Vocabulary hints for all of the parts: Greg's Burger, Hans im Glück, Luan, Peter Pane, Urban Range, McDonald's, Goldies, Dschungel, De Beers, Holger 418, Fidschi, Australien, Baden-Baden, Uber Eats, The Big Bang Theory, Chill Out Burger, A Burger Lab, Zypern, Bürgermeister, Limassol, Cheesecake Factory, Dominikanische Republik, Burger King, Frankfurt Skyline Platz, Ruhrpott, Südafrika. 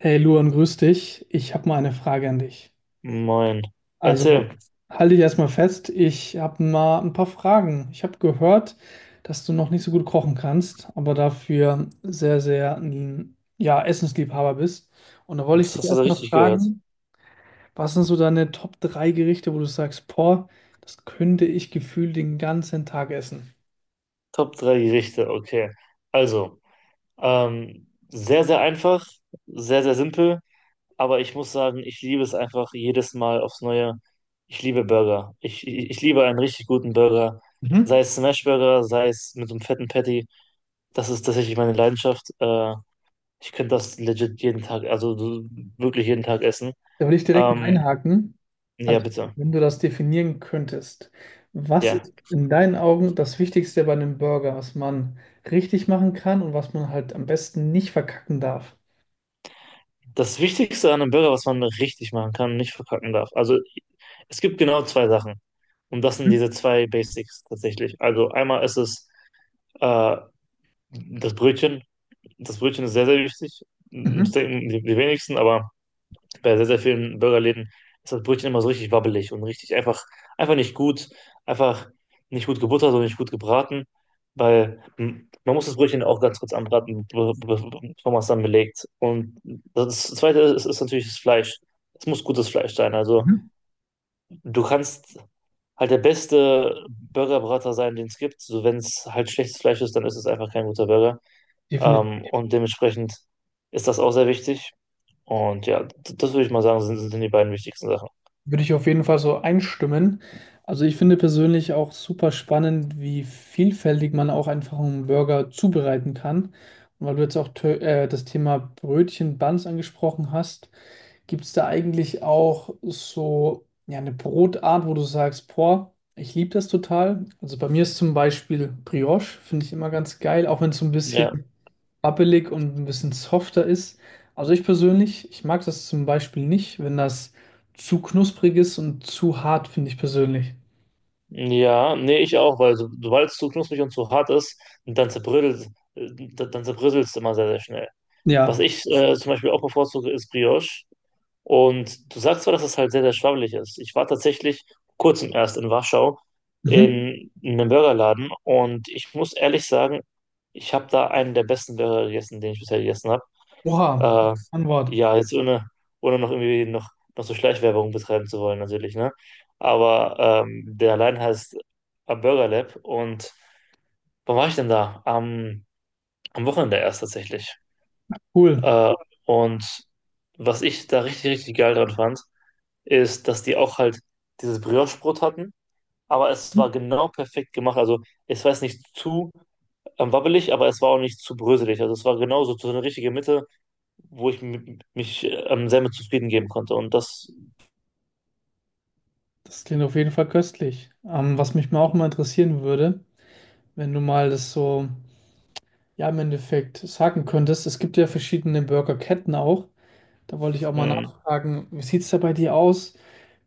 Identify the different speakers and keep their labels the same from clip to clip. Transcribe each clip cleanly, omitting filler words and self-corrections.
Speaker 1: Hey Luan, grüß dich. Ich habe mal eine Frage an dich.
Speaker 2: Moin.
Speaker 1: Also,
Speaker 2: Erzähl,
Speaker 1: halte dich erstmal fest, ich habe mal ein paar Fragen. Ich habe gehört, dass du noch nicht so gut kochen kannst, aber dafür sehr, sehr ein ja, Essensliebhaber bist. Und da wollte ich
Speaker 2: das
Speaker 1: dich
Speaker 2: hast du da
Speaker 1: erstmal
Speaker 2: richtig gehört.
Speaker 1: fragen, was sind so deine Top 3 Gerichte, wo du sagst, boah, das könnte ich gefühlt den ganzen Tag essen?
Speaker 2: Top 3 Gerichte, okay. Also, sehr, sehr einfach, sehr, sehr simpel, aber ich muss sagen, ich liebe es einfach jedes Mal aufs Neue. Ich liebe Burger. Ich liebe einen richtig guten Burger.
Speaker 1: Mhm.
Speaker 2: Sei es Smashburger, sei es mit so einem fetten Patty. Das ist tatsächlich meine Leidenschaft. Ich könnte das legit jeden Tag, also so wirklich jeden Tag essen.
Speaker 1: Da würde ich direkt mal
Speaker 2: Ähm,
Speaker 1: einhaken.
Speaker 2: ja,
Speaker 1: Also,
Speaker 2: bitte.
Speaker 1: wenn du das definieren könntest, was
Speaker 2: Ja.
Speaker 1: ist in deinen Augen das Wichtigste bei einem Burger, was man richtig machen kann und was man halt am besten nicht verkacken darf?
Speaker 2: Das Wichtigste an einem Burger, was man richtig machen kann, nicht verkacken darf. Also es gibt genau zwei Sachen. Und das sind
Speaker 1: Mhm.
Speaker 2: diese zwei Basics tatsächlich. Also einmal ist es äh, das Brötchen. Das Brötchen ist sehr, sehr wichtig. Das
Speaker 1: Mhm.
Speaker 2: denken die wenigsten, aber bei sehr, sehr vielen Burgerläden ist das Brötchen immer so richtig wabbelig und richtig einfach, einfach nicht gut, einfach nicht gut gebuttert und nicht gut gebraten, weil man muss das Brötchen auch ganz kurz anbraten, bevor man es dann belegt. Und das Zweite ist natürlich das Fleisch. Es muss gutes Fleisch sein. Also
Speaker 1: Mhm.
Speaker 2: du kannst halt der beste Burgerbrater sein, den es gibt. So, wenn es halt schlechtes Fleisch ist, dann ist es einfach kein guter Burger.
Speaker 1: Definitiv.
Speaker 2: Und dementsprechend ist das auch sehr wichtig. Und ja, das würde ich mal sagen, sind die beiden wichtigsten Sachen.
Speaker 1: Würde ich auf jeden Fall so einstimmen. Also, ich finde persönlich auch super spannend, wie vielfältig man auch einfach einen Burger zubereiten kann. Und weil du jetzt auch das Thema Brötchen, Buns angesprochen hast, gibt es da eigentlich auch so ja, eine Brotart, wo du sagst, boah, ich liebe das total? Also bei mir ist zum Beispiel Brioche, finde ich immer ganz geil, auch wenn es so ein bisschen
Speaker 2: Ja.
Speaker 1: wabbelig und ein bisschen softer ist. Also ich persönlich, ich mag das zum Beispiel nicht, wenn das zu knusprig ist und zu hart, finde ich persönlich.
Speaker 2: Ja, nee, ich auch, weil so, sobald es zu knusprig und zu hart ist, dann dann zerbröselt du immer sehr, sehr schnell. Was
Speaker 1: Ja.
Speaker 2: ich zum Beispiel auch bevorzuge, ist Brioche. Und du sagst zwar, dass es halt sehr, sehr schwabbelig ist. Ich war tatsächlich vor kurzem erst in Warschau
Speaker 1: Mhm.
Speaker 2: in einem Burgerladen und ich muss ehrlich sagen, ich habe da einen der besten Burger gegessen, den ich bisher gegessen habe.
Speaker 1: Oha,
Speaker 2: Äh,
Speaker 1: Antwort.
Speaker 2: ja, jetzt ohne, ohne noch so Schleichwerbung betreiben zu wollen, natürlich, ne? Aber der allein heißt A Burger Lab und wann war ich denn da? Am Wochenende erst tatsächlich.
Speaker 1: Cool.
Speaker 2: Äh, und was ich da richtig, richtig geil dran fand, ist, dass die auch halt dieses Brioche-Brot hatten, aber es war genau perfekt gemacht. Also es war jetzt nicht zu wabbelig, aber es war auch nicht zu bröselig. Also es war genau so eine richtige Mitte, wo ich mich selber zufrieden geben konnte. Und das,
Speaker 1: Das klingt auf jeden Fall köstlich. Was mich mal auch mal interessieren würde, wenn du mal das so ja im Endeffekt sagen könntest. Es gibt ja verschiedene Burgerketten auch. Da wollte ich auch mal
Speaker 2: mh,
Speaker 1: nachfragen, wie sieht es da bei dir aus?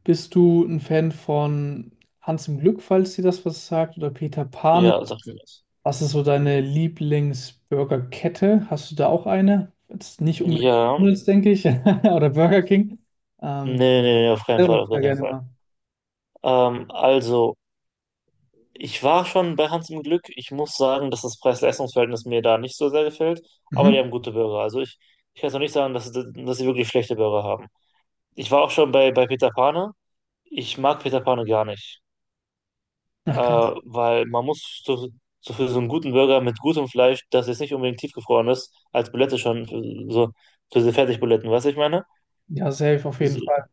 Speaker 1: Bist du ein Fan von Hans im Glück, falls dir das was sagt, oder Peter Pane?
Speaker 2: ja, sagt mir was.
Speaker 1: Was ist so deine Lieblingsburgerkette? Hast du da auch eine? Jetzt nicht unbedingt
Speaker 2: Ja,
Speaker 1: McDonald's, denke ich, oder Burger King.
Speaker 2: nee,
Speaker 1: Ähm,
Speaker 2: nee, auf keinen
Speaker 1: selber
Speaker 2: Fall,
Speaker 1: ich
Speaker 2: auf gar
Speaker 1: da
Speaker 2: keinen
Speaker 1: gerne
Speaker 2: Fall.
Speaker 1: mal.
Speaker 2: Also, ich war schon bei Hans im Glück. Ich muss sagen, dass das Preis-Leistungs-Verhältnis mir da nicht so sehr gefällt, aber die
Speaker 1: Mhm.
Speaker 2: haben gute Burger. Also ich kann es noch nicht sagen, dass sie wirklich schlechte Burger haben. Ich war auch schon bei Peter Pane. Ich mag Peter Pane gar nicht.
Speaker 1: Ach, krass.
Speaker 2: Weil man muss so, so für so einen guten Burger mit gutem Fleisch, das jetzt nicht unbedingt tiefgefroren ist, als Bulette schon, für, so für diese Fertigbuletten, weißt du, ich meine?
Speaker 1: Ja, safe auf jeden
Speaker 2: So,
Speaker 1: Fall.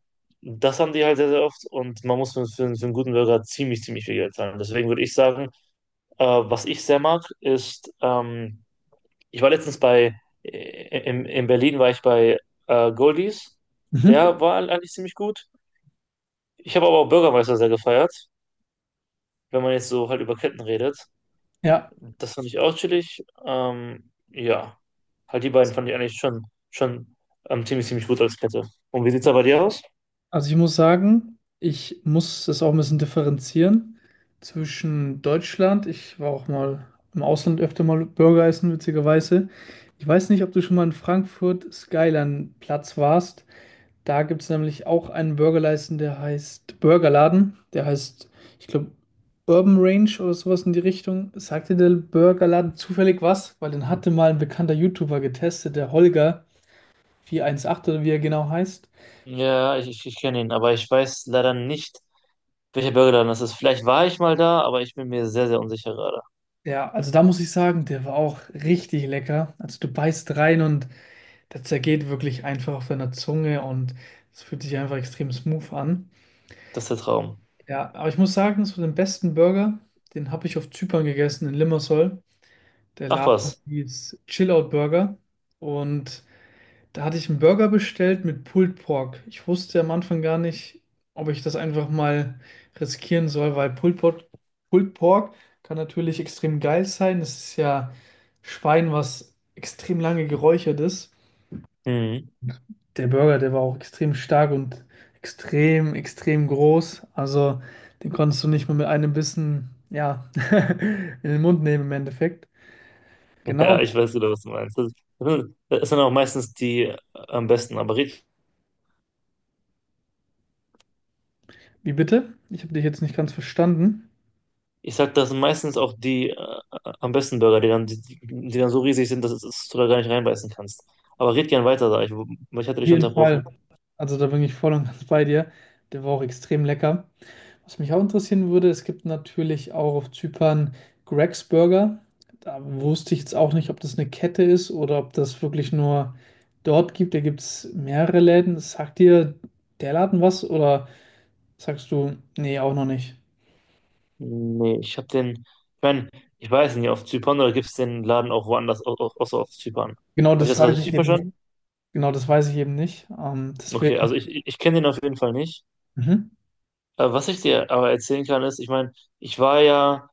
Speaker 2: das haben die halt sehr, sehr oft und man muss für einen guten Burger ziemlich, ziemlich viel Geld zahlen. Deswegen würde ich sagen, was ich sehr mag, ist, ich war letztens in Berlin war ich bei Goldies,
Speaker 1: Mhm.
Speaker 2: der war eigentlich ziemlich gut. Ich habe aber auch Bürgermeister sehr gefeiert, wenn man jetzt so halt über Ketten redet.
Speaker 1: Ja.
Speaker 2: Das fand ich auch chillig. Ja, halt die beiden fand ich schon ziemlich, ziemlich gut als Kette. Und wie sieht's da bei dir aus?
Speaker 1: Also ich muss sagen, ich muss das auch ein bisschen differenzieren zwischen Deutschland. Ich war auch mal im Ausland öfter mal Burger essen, witzigerweise. Ich weiß nicht, ob du schon mal in Frankfurt Skyline Platz warst. Da gibt es nämlich auch einen Burgerladen. Der heißt, ich glaube, Urban Range oder sowas in die Richtung. Sagte der Burgerladen zufällig was? Weil den hatte mal ein bekannter YouTuber getestet, der Holger 418 oder wie er genau heißt.
Speaker 2: Ja, ich kenne ihn, aber ich weiß leider nicht, welcher Burgerladen das ist. Vielleicht war ich mal da, aber ich bin mir sehr, sehr unsicher gerade.
Speaker 1: Ja, also da muss ich sagen, der war auch richtig lecker. Also du beißt rein und der zergeht wirklich einfach auf deiner Zunge und es fühlt sich einfach extrem smooth an.
Speaker 2: Das ist der Traum.
Speaker 1: Ja, aber ich muss sagen, so den besten Burger, den habe ich auf Zypern gegessen, in Limassol. Der
Speaker 2: Ach
Speaker 1: Laden
Speaker 2: was.
Speaker 1: hieß Chill Out Burger und da hatte ich einen Burger bestellt mit Pulled Pork. Ich wusste am Anfang gar nicht, ob ich das einfach mal riskieren soll, weil Pulled Pork kann natürlich extrem geil sein. Es ist ja Schwein, was extrem lange geräuchert ist.
Speaker 2: Mhm.
Speaker 1: Der Burger, der war auch extrem stark und extrem, extrem groß. Also den konntest du nicht mal mit einem Bissen, ja, in den Mund nehmen im Endeffekt.
Speaker 2: Ja, ich
Speaker 1: Genau.
Speaker 2: weiß wieder, was du meinst. Das sind auch meistens die am besten, aber red.
Speaker 1: Wie bitte? Ich habe dich jetzt nicht ganz verstanden.
Speaker 2: Ich sag, das sind meistens auch die am besten Burger, die dann, die dann so riesig sind, dass du da gar nicht reinbeißen kannst. Aber red gern weiter, sag ich, ich hatte
Speaker 1: Auf
Speaker 2: dich
Speaker 1: jeden
Speaker 2: unterbrochen.
Speaker 1: Fall. Also da bin ich voll und ganz bei dir. Der war auch extrem lecker. Was mich auch interessieren würde, es gibt natürlich auch auf Zypern Greg's Burger. Da wusste ich jetzt auch nicht, ob das eine Kette ist oder ob das wirklich nur dort gibt. Da gibt es mehrere Läden. Sagt dir der Laden was oder sagst du, nee, auch noch nicht?
Speaker 2: Nee, ich mein, ich weiß nicht, auf Zypern oder gibt's den Laden auch woanders, außer auf Zypern?
Speaker 1: Genau
Speaker 2: Habe ich
Speaker 1: das
Speaker 2: das gerade
Speaker 1: weiß ich
Speaker 2: richtig
Speaker 1: eben nicht.
Speaker 2: verstanden?
Speaker 1: Genau das weiß ich eben nicht.
Speaker 2: Okay, also ich kenne den auf jeden Fall nicht.
Speaker 1: Mhm.
Speaker 2: Was ich dir aber erzählen kann, ist, ich meine, ich war ja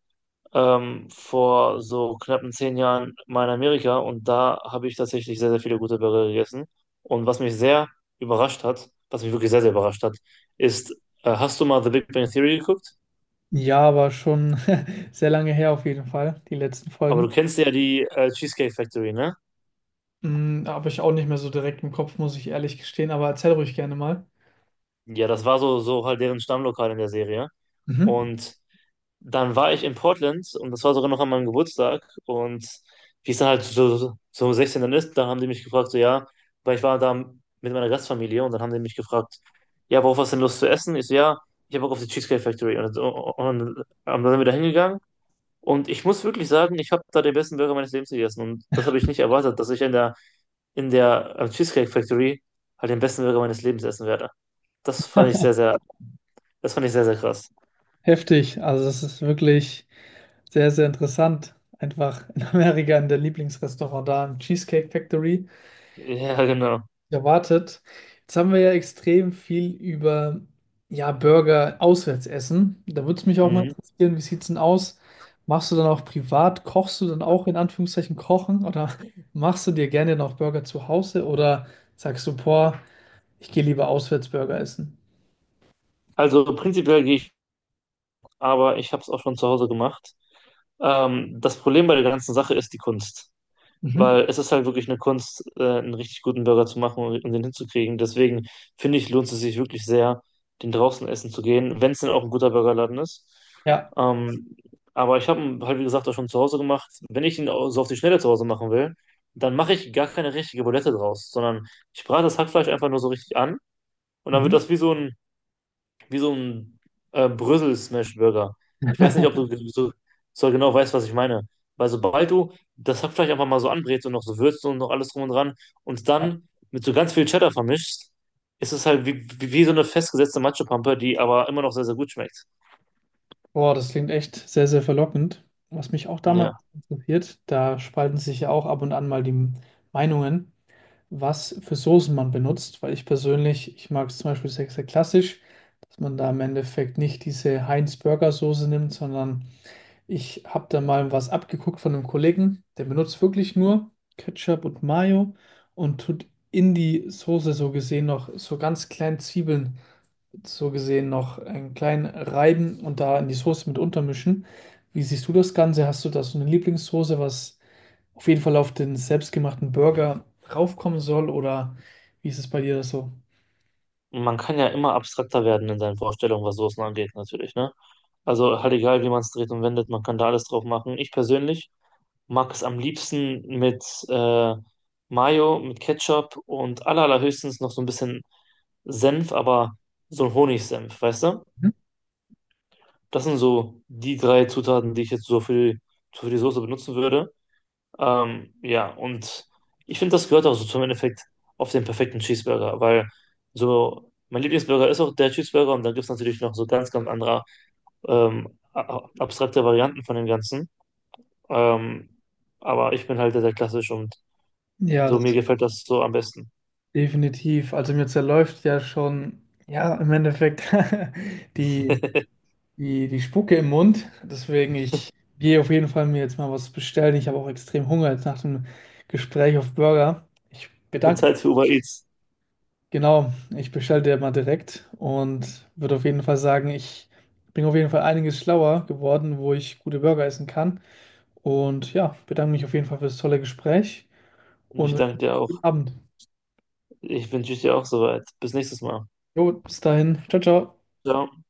Speaker 2: vor so knappen zehn Jahren mal in Amerika und da habe ich tatsächlich sehr, sehr viele gute Burger gegessen. Und was mich sehr überrascht hat, was mich wirklich sehr, sehr überrascht hat, ist, hast du mal The Big Bang Theory geguckt?
Speaker 1: Ja, aber schon sehr lange her auf jeden Fall, die letzten
Speaker 2: Aber du
Speaker 1: Folgen.
Speaker 2: kennst ja die Cheesecake Factory, ne?
Speaker 1: Hm, habe ich auch nicht mehr so direkt im Kopf, muss ich ehrlich gestehen, aber erzähl ruhig gerne mal.
Speaker 2: Ja, das war so, so halt deren Stammlokal in der Serie.
Speaker 1: Mhm.
Speaker 2: Und dann war ich in Portland und das war sogar noch an meinem Geburtstag. Und wie es dann halt so, 16 dann ist, dann haben die mich gefragt, so ja, weil ich war da mit meiner Gastfamilie und dann haben die mich gefragt, ja, worauf hast du denn Lust zu essen? Ich so, ja, ich habe Bock auf die Cheesecake Factory. Und dann sind wir da hingegangen. Und ich muss wirklich sagen, ich habe da den besten Burger meines Lebens gegessen. Und das habe ich nicht erwartet, dass ich in der Cheesecake Factory halt den besten Burger meines Lebens essen werde. Das fand ich das fand ich sehr, sehr krass.
Speaker 1: Heftig. Also es ist wirklich sehr, sehr interessant. Einfach in Amerika in der Lieblingsrestaurant da, im Cheesecake Factory,
Speaker 2: Ja, genau.
Speaker 1: erwartet. Jetzt haben wir ja extrem viel über ja, Burger auswärts essen. Da würde es mich auch mal
Speaker 2: Mhm.
Speaker 1: interessieren, wie sieht es denn aus? Machst du dann auch privat, kochst du dann auch in Anführungszeichen kochen oder machst du dir gerne noch Burger zu Hause oder sagst du, boah, ich gehe lieber Auswärts-Burger essen.
Speaker 2: Also prinzipiell gehe ich, aber ich habe es auch schon zu Hause gemacht. Das Problem bei der ganzen Sache ist die Kunst,
Speaker 1: Mhm.
Speaker 2: weil es ist halt wirklich eine Kunst, einen richtig guten Burger zu machen und den hinzukriegen. Deswegen finde ich, lohnt es sich wirklich sehr, den draußen essen zu gehen, wenn es denn auch ein guter Burgerladen ist.
Speaker 1: Ja.
Speaker 2: Ähm, aber ich habe ihn halt, wie gesagt, auch schon zu Hause gemacht. Wenn ich ihn auch so auf die Schnelle zu Hause machen will, dann mache ich gar keine richtige Bulette draus, sondern ich brate das Hackfleisch einfach nur so richtig an und dann wird
Speaker 1: Mhm.
Speaker 2: das wie so ein Brösel-Smash-Burger. Ich weiß nicht, ob du so, so genau weißt, was ich meine. Weil sobald du das Hackfleisch einfach mal so anbrätst und noch so würzt und noch alles drum und dran und
Speaker 1: Ja.
Speaker 2: dann mit so ganz viel Cheddar vermischst, ist es halt wie so eine festgesetzte Matschepampe, die aber immer noch sehr, sehr gut schmeckt.
Speaker 1: Boah, das klingt echt sehr, sehr verlockend. Was mich auch damals
Speaker 2: Ja.
Speaker 1: interessiert, da spalten sich ja auch ab und an mal die Meinungen, was für Soßen man benutzt, weil ich persönlich, ich mag es zum Beispiel sehr, sehr klassisch, dass man da im Endeffekt nicht diese Heinz-Burger-Soße nimmt, sondern ich habe da mal was abgeguckt von einem Kollegen, der benutzt wirklich nur Ketchup und Mayo und tut in die Soße so gesehen noch so ganz kleinen Zwiebeln, so gesehen noch einen kleinen reiben und da in die Soße mit untermischen. Wie siehst du das Ganze? Hast du da so eine Lieblingssoße, was auf jeden Fall auf den selbstgemachten Burger raufkommen soll oder wie ist es bei dir so?
Speaker 2: Und man kann ja immer abstrakter werden in seinen Vorstellungen, was Soßen angeht, natürlich, ne? Also halt egal, wie man es dreht und wendet, man kann da alles drauf machen. Ich persönlich mag es am liebsten mit Mayo, mit Ketchup und allerhöchstens noch so ein bisschen Senf, aber so ein Honigsenf, weißt du?
Speaker 1: Mhm.
Speaker 2: Das sind so die drei Zutaten, die ich jetzt so für die Soße benutzen würde. Ja, und ich finde, das gehört auch so zum Endeffekt auf den perfekten Cheeseburger, weil so mein Lieblingsburger ist auch der Cheeseburger und dann gibt es natürlich noch so ganz, ganz andere abstrakte Varianten von dem Ganzen. Ähm, aber ich bin halt der, der klassisch und
Speaker 1: Ja,
Speaker 2: So,
Speaker 1: das
Speaker 2: mir gefällt das so am besten.
Speaker 1: definitiv. Also mir zerläuft ja schon, ja, im Endeffekt die die, die Spucke im Mund. Deswegen, ich gehe auf jeden Fall mir jetzt mal was bestellen. Ich habe auch extrem Hunger jetzt nach dem Gespräch auf Burger. Ich bedanke mich.
Speaker 2: Bezahlt für Uber Eats.
Speaker 1: Genau, ich bestelle dir mal direkt und würde auf jeden Fall sagen, ich bin auf jeden Fall einiges schlauer geworden, wo ich gute Burger essen kann. Und ja, bedanke mich auf jeden Fall für das tolle Gespräch
Speaker 2: Und
Speaker 1: und
Speaker 2: ich danke
Speaker 1: wünsche
Speaker 2: dir
Speaker 1: einen
Speaker 2: auch.
Speaker 1: guten Abend.
Speaker 2: Ich wünsche dir auch soweit. Bis nächstes Mal.
Speaker 1: Jo, bis dahin. Ciao, ciao.
Speaker 2: Ciao.